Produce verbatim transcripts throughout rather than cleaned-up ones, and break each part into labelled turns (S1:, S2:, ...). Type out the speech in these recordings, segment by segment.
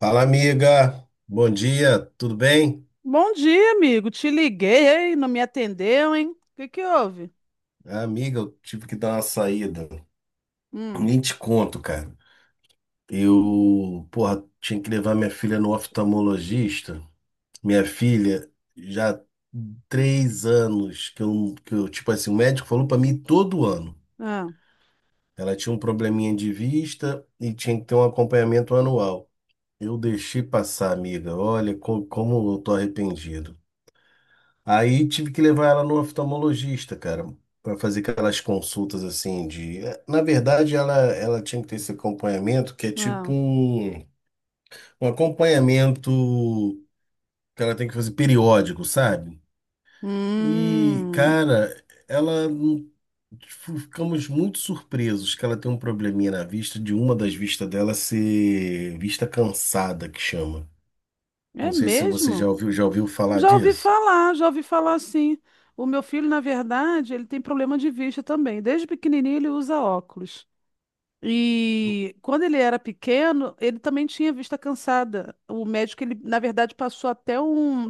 S1: Fala, amiga. Bom dia, tudo bem?
S2: Bom dia, amigo. Te liguei, hein? Não me atendeu, hein? O que que houve?
S1: Ah, amiga, eu tive que dar uma saída.
S2: Hum,
S1: Nem te conto, cara. Eu, porra, tinha que levar minha filha no oftalmologista. Minha filha, já três anos que eu, que eu, tipo assim, o médico falou pra mim todo ano.
S2: ah,
S1: Ela tinha um probleminha de vista e tinha que ter um acompanhamento anual. Eu deixei passar, amiga. Olha, co- como eu tô arrependido. Aí tive que levar ela no oftalmologista, cara, para fazer aquelas consultas assim. de. eh, Na verdade, ela, ela tinha que ter esse acompanhamento que é tipo
S2: ah.
S1: um, um acompanhamento que ela tem que fazer periódico, sabe? E,
S2: Hum,
S1: cara, ela não- tipo, ficamos muito surpresos que ela tem um probleminha na vista, de uma das vistas dela ser vista cansada, que chama. Não
S2: é
S1: sei se você já
S2: mesmo?
S1: ouviu, já ouviu falar
S2: Já ouvi
S1: disso.
S2: falar, já ouvi falar assim. O meu filho, na verdade, ele tem problema de vista também. Desde pequenininho ele usa óculos. E quando ele era pequeno, ele também tinha vista cansada. O médico, ele, na verdade, passou até um.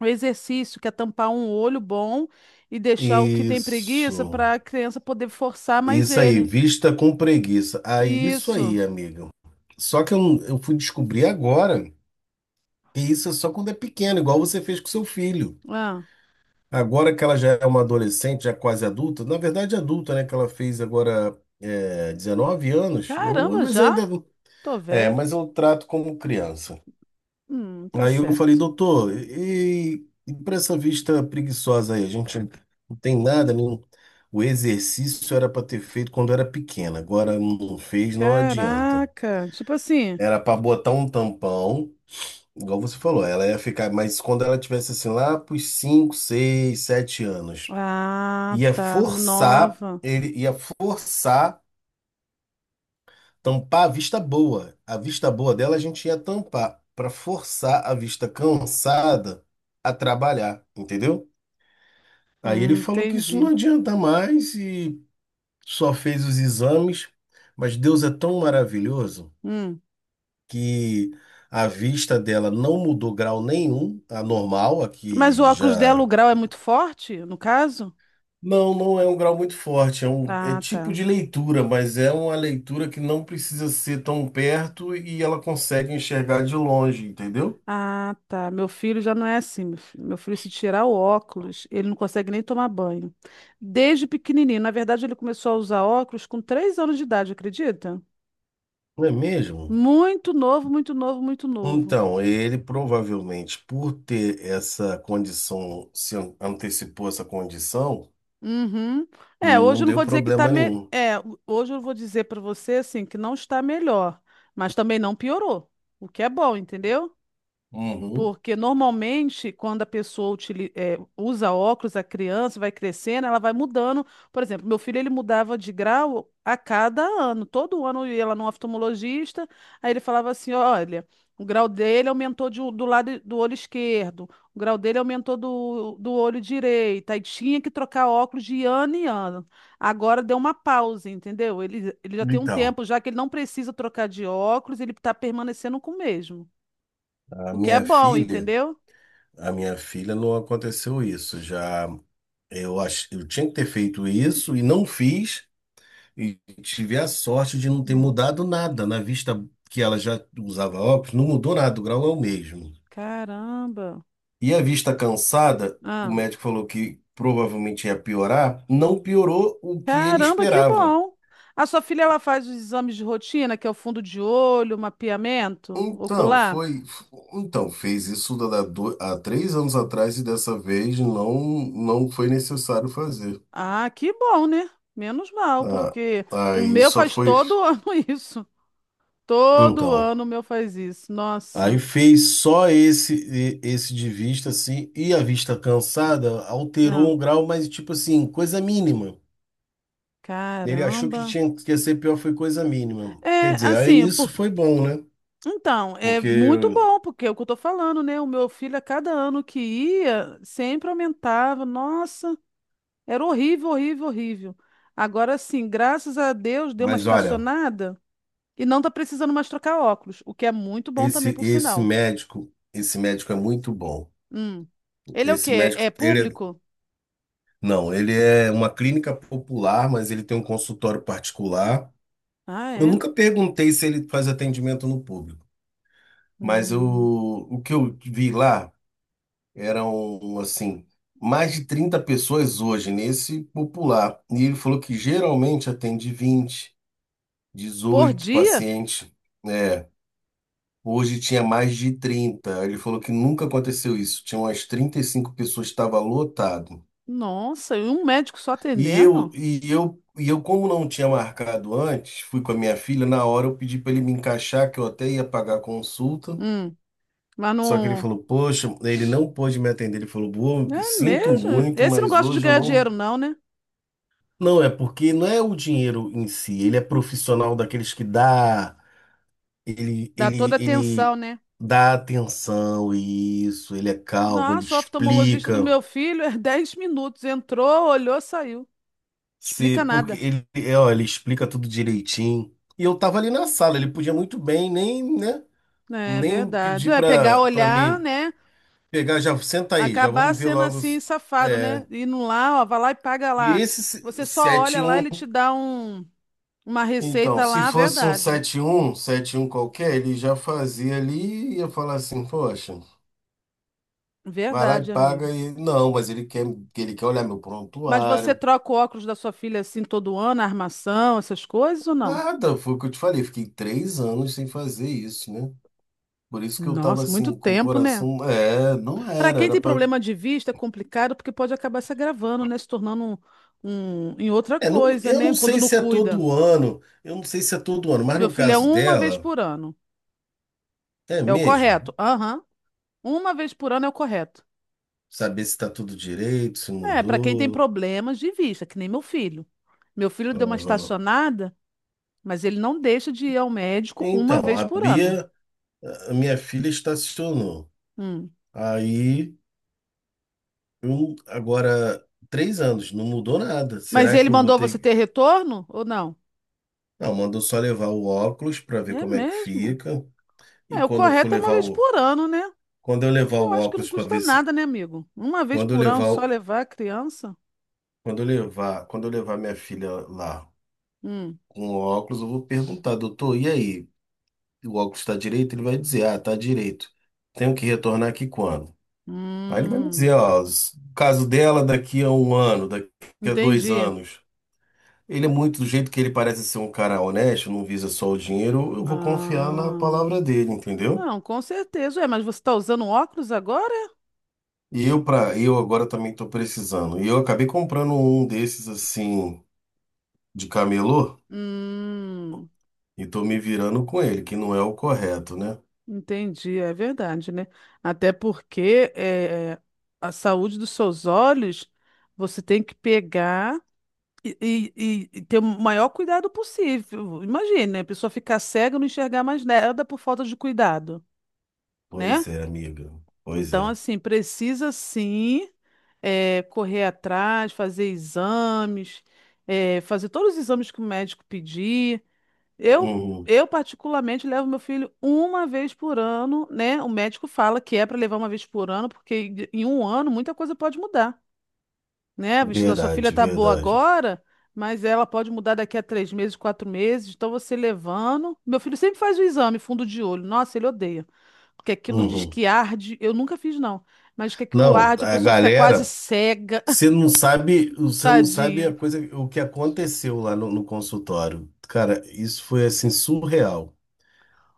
S2: O exercício que é tampar um olho bom e deixar o que tem preguiça
S1: Isso.
S2: para a criança poder forçar mais
S1: Isso aí,
S2: ele.
S1: vista com preguiça. Aí, isso
S2: Isso.
S1: aí, amigo. Só que eu, não- eu fui descobrir agora que isso é só quando é pequeno, igual você fez com seu filho.
S2: Ah,
S1: Agora que ela já é uma adolescente, já quase adulta, na verdade adulta, né? Que ela fez agora é, dezenove anos, eu,
S2: caramba,
S1: mas
S2: já?
S1: ainda.
S2: Tô
S1: É,
S2: velha.
S1: mas eu trato como criança.
S2: Hum, tá
S1: Aí eu falei,
S2: certo.
S1: doutor, e, e para essa vista preguiçosa aí, a gente não tem nada, nenhum. O exercício era para ter feito quando era pequena. Agora não fez, não adianta.
S2: Caraca, tipo assim.
S1: Era para botar um tampão, igual você falou, ela ia ficar, mas quando ela tivesse assim lá pros cinco, seis, sete anos,
S2: Ah,
S1: ia
S2: tá,
S1: forçar,
S2: nova.
S1: ele ia forçar tampar a vista boa. A vista boa dela a gente ia tampar para forçar a vista cansada a trabalhar, entendeu? Aí ele
S2: Hum,
S1: falou que isso não
S2: entendi.
S1: adianta mais e só fez os exames, mas Deus é tão maravilhoso
S2: Hum.
S1: que a vista dela não mudou grau nenhum, a normal, a
S2: Mas
S1: que
S2: o óculos dela, o
S1: já
S2: grau é muito forte, no caso?
S1: não, não é um grau muito forte, é um é
S2: Ah,
S1: tipo
S2: tá.
S1: de leitura, mas é uma leitura que não precisa ser tão perto e ela consegue enxergar de longe, entendeu?
S2: Ah, tá. Meu filho já não é assim, meu filho. Meu filho, se tirar o óculos, ele não consegue nem tomar banho. Desde pequenininho. Na verdade, ele começou a usar óculos com três anos de idade, acredita?
S1: Não é mesmo?
S2: Muito novo, muito novo, muito novo.
S1: Então, ele provavelmente, por ter essa condição, se an- antecipou essa condição,
S2: Uhum. É, hoje
S1: não
S2: eu não
S1: deu
S2: vou dizer que tá
S1: problema
S2: me...
S1: nenhum.
S2: é, ho- hoje eu vou dizer para você assim que não está melhor, mas também não piorou, o que é bom, entendeu?
S1: Uhum.
S2: Porque normalmente, quando a pessoa utili- eh, usa óculos, a criança vai crescendo, ela vai mudando. Por exemplo, meu filho ele mudava de grau a cada ano. Todo ano eu ia lá no oftalmologista, aí ele falava assim: olha, o grau dele aumentou de um- do lado do olho esquerdo, o grau dele aumentou do, do olho direito. Aí tinha que trocar óculos de ano em ano. Agora deu uma pausa, entendeu? Ele, ele já tem um
S1: Então,
S2: tempo, já que ele não precisa trocar de óculos, ele está permanecendo com o mesmo.
S1: a
S2: O que é
S1: minha
S2: bom,
S1: filha,
S2: entendeu?
S1: a minha filha não aconteceu isso. Já eu acho, eu tinha que ter feito isso e não fiz, e tive a sorte de não ter
S2: Hum,
S1: mudado nada, na vista que ela já usava óculos, não mudou nada, o grau é o mesmo.
S2: caramba.
S1: E a vista cansada, o
S2: Ah,
S1: médico falou que provavelmente ia piorar, não piorou o que ele
S2: caramba, que
S1: esperava.
S2: bom. A sua filha ela faz os exames de rotina, que é o fundo de olho, mapeamento
S1: Então,
S2: ocular?
S1: foi, então fez isso da- da do- há três anos atrás e dessa vez não, não foi necessário fazer.
S2: Ah, que bom, né? Menos mal,
S1: Ah,
S2: porque o
S1: aí
S2: meu
S1: só
S2: faz
S1: foi.
S2: todo ano isso. Todo
S1: Então,
S2: ano o meu faz isso.
S1: aí
S2: Nossa.
S1: fez só esse e- esse de vista assim e a vista cansada alterou
S2: Ah,
S1: um grau, mas tipo assim, coisa mínima. Ele achou
S2: caramba.
S1: que tinha que ia ser pior, foi coisa mínima. Quer
S2: É,
S1: dizer, aí
S2: assim,
S1: nisso
S2: porque
S1: foi bom, né?
S2: então, é
S1: Porque,
S2: muito bom, porque é o que eu tô falando, né? O meu filho, a cada ano que ia, sempre aumentava. Nossa. Era horrível, horrível, horrível. Agora sim, graças a Deus, deu uma
S1: mas olha,
S2: estacionada e não tá precisando mais trocar óculos, o que é muito bom também,
S1: esse
S2: por
S1: esse
S2: sinal.
S1: médico, esse médico é muito bom.
S2: Hum. Ele é o
S1: Esse
S2: quê?
S1: médico,
S2: É
S1: ele é,
S2: público?
S1: não, ele é uma clínica popular, mas ele tem um consultório particular.
S2: Ah,
S1: Eu
S2: é?
S1: nunca perguntei se ele faz atendimento no público, mas eu,
S2: Hum.
S1: o que eu vi lá eram assim, mais de trinta pessoas hoje nesse popular. E ele falou que geralmente atende vinte.
S2: Por
S1: dezoito
S2: dia?
S1: pacientes, né? Hoje tinha mais de trinta. Ele falou que nunca aconteceu isso. Tinha umas trinta e cinco pessoas, estava lotado.
S2: Nossa, e um médico só
S1: E eu,
S2: atendendo?
S1: e eu, e eu, como não tinha marcado antes, fui com a minha filha, na hora eu pedi para ele me encaixar, que eu até ia pagar a consulta.
S2: Hum. Mas
S1: Só que ele
S2: não.
S1: falou, poxa, ele não pôde me atender. Ele falou, boa,
S2: É
S1: sinto
S2: mesmo?
S1: muito,
S2: Esse não
S1: mas
S2: gosta de
S1: hoje eu
S2: ganhar dinheiro,
S1: não.
S2: não, né?
S1: Não, é porque não é o dinheiro em si, ele é profissional daqueles que dá. Ele,
S2: Dá
S1: ele,
S2: toda atenção,
S1: ele
S2: né?
S1: dá atenção a isso, ele é calmo, ele
S2: Nossa, o oftalmologista do
S1: explica,
S2: meu filho é dez minutos. Entrou, olhou, saiu.
S1: se
S2: Explica
S1: porque
S2: nada.
S1: ele, é, ó, ele explica tudo direitinho. E eu tava ali na sala, ele podia muito bem nem, né,
S2: É
S1: nem
S2: verdade.
S1: pedir
S2: É pegar,
S1: pra para
S2: olhar,
S1: mim
S2: né?
S1: pegar, já senta aí, já
S2: Acabar
S1: vamos ver
S2: sendo
S1: logo.
S2: assim,
S1: os-
S2: safado,
S1: É.
S2: né? Indo lá, ó, vai lá e paga
S1: E
S2: lá.
S1: esse se-
S2: Você só olha lá, ele te
S1: sete a um,
S2: dá um, uma
S1: então,
S2: receita
S1: se
S2: lá,
S1: fosse um
S2: verdade.
S1: sete um sete um qualquer, ele já fazia ali e ia falar assim, poxa. Vai lá e
S2: Verdade,
S1: paga
S2: amigo.
S1: e. Não, mas ele quer, ele quer olhar meu
S2: Mas você
S1: prontuário.
S2: troca o óculos da sua filha assim todo ano, a armação, essas coisas ou não?
S1: Nada, foi o que eu te falei. Fiquei três anos sem fazer isso, né? Por isso que eu tava
S2: Nossa, muito
S1: assim, com o
S2: tempo, né?
S1: coração. É, não
S2: Para
S1: era,
S2: quem
S1: era
S2: tem
S1: pra.
S2: problema de vista, é complicado porque pode acabar se agravando, né? Se tornando um, um- em outra
S1: É, não-
S2: coisa,
S1: eu
S2: né?
S1: não
S2: Quando
S1: sei
S2: não
S1: se é
S2: cuida.
S1: todo ano, eu não sei se é todo ano, mas
S2: Meu
S1: no
S2: filho é
S1: caso
S2: uma vez
S1: dela,
S2: por ano.
S1: é
S2: É o
S1: mesmo.
S2: correto. Aham. Uma vez por ano é o correto.
S1: Saber se tá tudo direito, se
S2: É, para quem tem
S1: mudou.
S2: problemas de vista, que nem meu filho. Meu filho deu uma
S1: Aham.
S2: estacionada, mas ele não deixa de ir ao médico uma
S1: Então,
S2: vez
S1: a
S2: por ano.
S1: Bia, a minha filha, estacionou.
S2: Hum.
S1: Aí. Eu, agora, três anos, não mudou nada.
S2: Mas
S1: Será
S2: ele
S1: que eu vou
S2: mandou você ter
S1: ter.
S2: retorno ou não?
S1: Não, mandou só levar o óculos para ver
S2: É
S1: como é que
S2: mesmo?
S1: fica. E
S2: É, o
S1: quando eu for
S2: correto é uma
S1: levar
S2: vez
S1: o.
S2: por ano, né?
S1: Quando eu levar
S2: Eu
S1: o
S2: acho que não
S1: óculos para
S2: custa
S1: ver se.
S2: nada, né, amigo? Uma vez
S1: Quando eu
S2: por ano
S1: levar.
S2: só
S1: o-
S2: levar a criança?
S1: Quando eu levar. Quando eu levar minha filha lá
S2: Hum.
S1: com o óculos, eu vou perguntar, doutor, e aí? O óculos está direito? Ele vai dizer, ah, tá direito. Tenho que retornar aqui quando? Aí ele vai me
S2: Hum.
S1: dizer, ó, s- o caso dela daqui a um ano, daqui a dois
S2: Entendi.
S1: anos. Ele é muito do jeito que ele parece ser um cara honesto, não visa só o dinheiro, eu vou confiar na
S2: Ah.
S1: palavra dele, entendeu?
S2: Não, com certeza. É, mas você está usando óculos agora?
S1: E eu para eu agora também tô precisando. E eu acabei comprando um desses assim de camelô
S2: Hum.
S1: e tô me virando com ele, que não é o correto, né?
S2: Entendi, é verdade, né? Até porque eh, a saúde dos seus olhos você tem que pegar e, e- e- e ter o maior cuidado possível. Imagine, né? A pessoa ficar cega e não enxergar mais nada por falta de cuidado, né?
S1: Pois é, amiga. Pois
S2: Então,
S1: é.
S2: assim, precisa sim eh, correr atrás, fazer exames, eh, fazer todos os exames que o médico pedir. Eu,
S1: Uhum.
S2: eu particularmente levo meu filho uma vez por ano, né? O médico fala que é para levar uma vez por ano, porque em em um ano muita coisa pode mudar, né? O vestido da sua filha
S1: Verdade,
S2: tá boa
S1: verdade.
S2: agora, mas ela pode mudar daqui a três meses, quatro meses. Então você levando. Meu filho sempre faz o exame fundo de olho. Nossa, ele odeia. Porque aquilo diz
S1: Uhum.
S2: que arde. Eu nunca fiz, não. Mas que aquilo
S1: Não,
S2: arde, a
S1: a
S2: pessoa fica quase
S1: galera,
S2: cega.
S1: você não sabe, você não sabe
S2: Tadinho.
S1: a coisa, o que aconteceu lá no no consultório. Cara, isso foi assim surreal.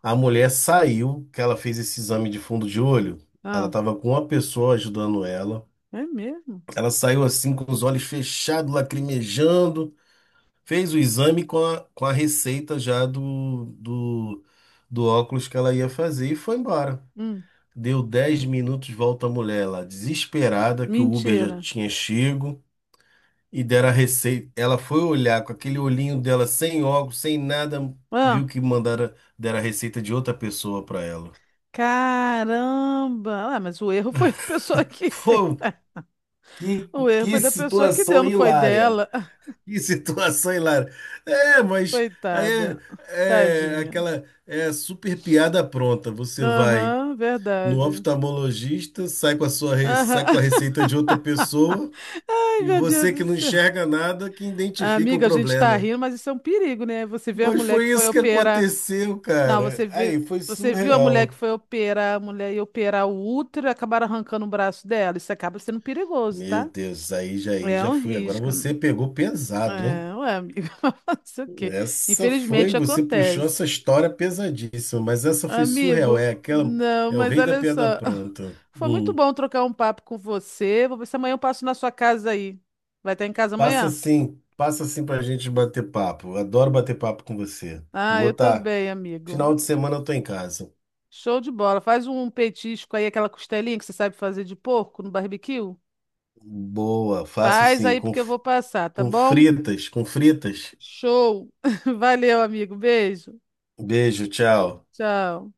S1: A mulher saiu, que ela fez esse exame de fundo de olho. Ela
S2: Ah,
S1: estava com uma pessoa ajudando ela.
S2: é mesmo?
S1: Ela saiu assim com os olhos fechados, lacrimejando. Fez o exame com a, com a receita já do, do, do óculos que ela ia fazer e foi embora.
S2: Hum,
S1: Deu dez minutos, volta a mulher lá, desesperada, que o Uber já
S2: mentira.
S1: tinha chego e deram a receita. Ela foi olhar com aquele olhinho dela, sem óculos, sem nada, viu
S2: Ah.
S1: que mandaram, deram a receita de outra pessoa para ela.
S2: Caramba! Ah, mas o erro foi da pessoa que tem.
S1: Foi Que,
S2: O erro foi
S1: que
S2: da pessoa que deu,
S1: situação
S2: não foi
S1: hilária.
S2: dela.
S1: Que situação hilária. É, mas aí
S2: Coitada.
S1: é, é
S2: Tadinha.
S1: aquela é super piada pronta. Você vai
S2: Aham,
S1: no
S2: verdade.
S1: oftalmologista, sai com a sua, re- sai com
S2: Aham.
S1: a receita de outra pessoa
S2: Ai,
S1: e
S2: meu Deus
S1: você
S2: do
S1: que não
S2: céu.
S1: enxerga nada que identifica o
S2: Amiga, a gente tá
S1: problema.
S2: rindo, mas isso é um perigo, né? Você vê a
S1: Mas
S2: mulher que
S1: foi
S2: foi
S1: isso que
S2: operar.
S1: aconteceu,
S2: Não,
S1: cara.
S2: você vê...
S1: Aí foi
S2: você viu a mulher que
S1: surreal.
S2: foi operar, a mulher ia operar o útero e acabaram arrancando o braço dela. Isso acaba sendo perigoso,
S1: Meu
S2: tá?
S1: Deus, aí já aí
S2: É
S1: já
S2: um
S1: fui. Agora
S2: risco.
S1: você pegou pesado, hein?
S2: É, ué, amigo, fazer o quê?
S1: Essa foi,
S2: Infelizmente
S1: você puxou
S2: acontece.
S1: essa história pesadíssima, mas essa foi surreal. É
S2: Amigo,
S1: aquela,
S2: não,
S1: é o
S2: mas
S1: rei da
S2: olha só.
S1: piada pronta.
S2: Foi muito
S1: Hum.
S2: bom trocar um papo com você. Vou ver se amanhã eu passo na sua casa aí. Vai estar em casa
S1: Passa
S2: amanhã?
S1: assim, passa assim pra gente bater papo. Eu Adoro bater papo com você.
S2: Ah,
S1: Vou
S2: eu
S1: estar.
S2: também,
S1: Final
S2: amigo.
S1: de semana eu tô em casa.
S2: Show de bola. Faz um petisco aí, aquela costelinha que você sabe fazer de porco no barbecue.
S1: Boa, faço
S2: Faz
S1: sim,
S2: aí
S1: com,
S2: porque eu vou passar, tá
S1: com
S2: bom?
S1: fritas, com fritas.
S2: Show. Valeu, amigo. Beijo.
S1: Beijo, tchau.
S2: Tchau.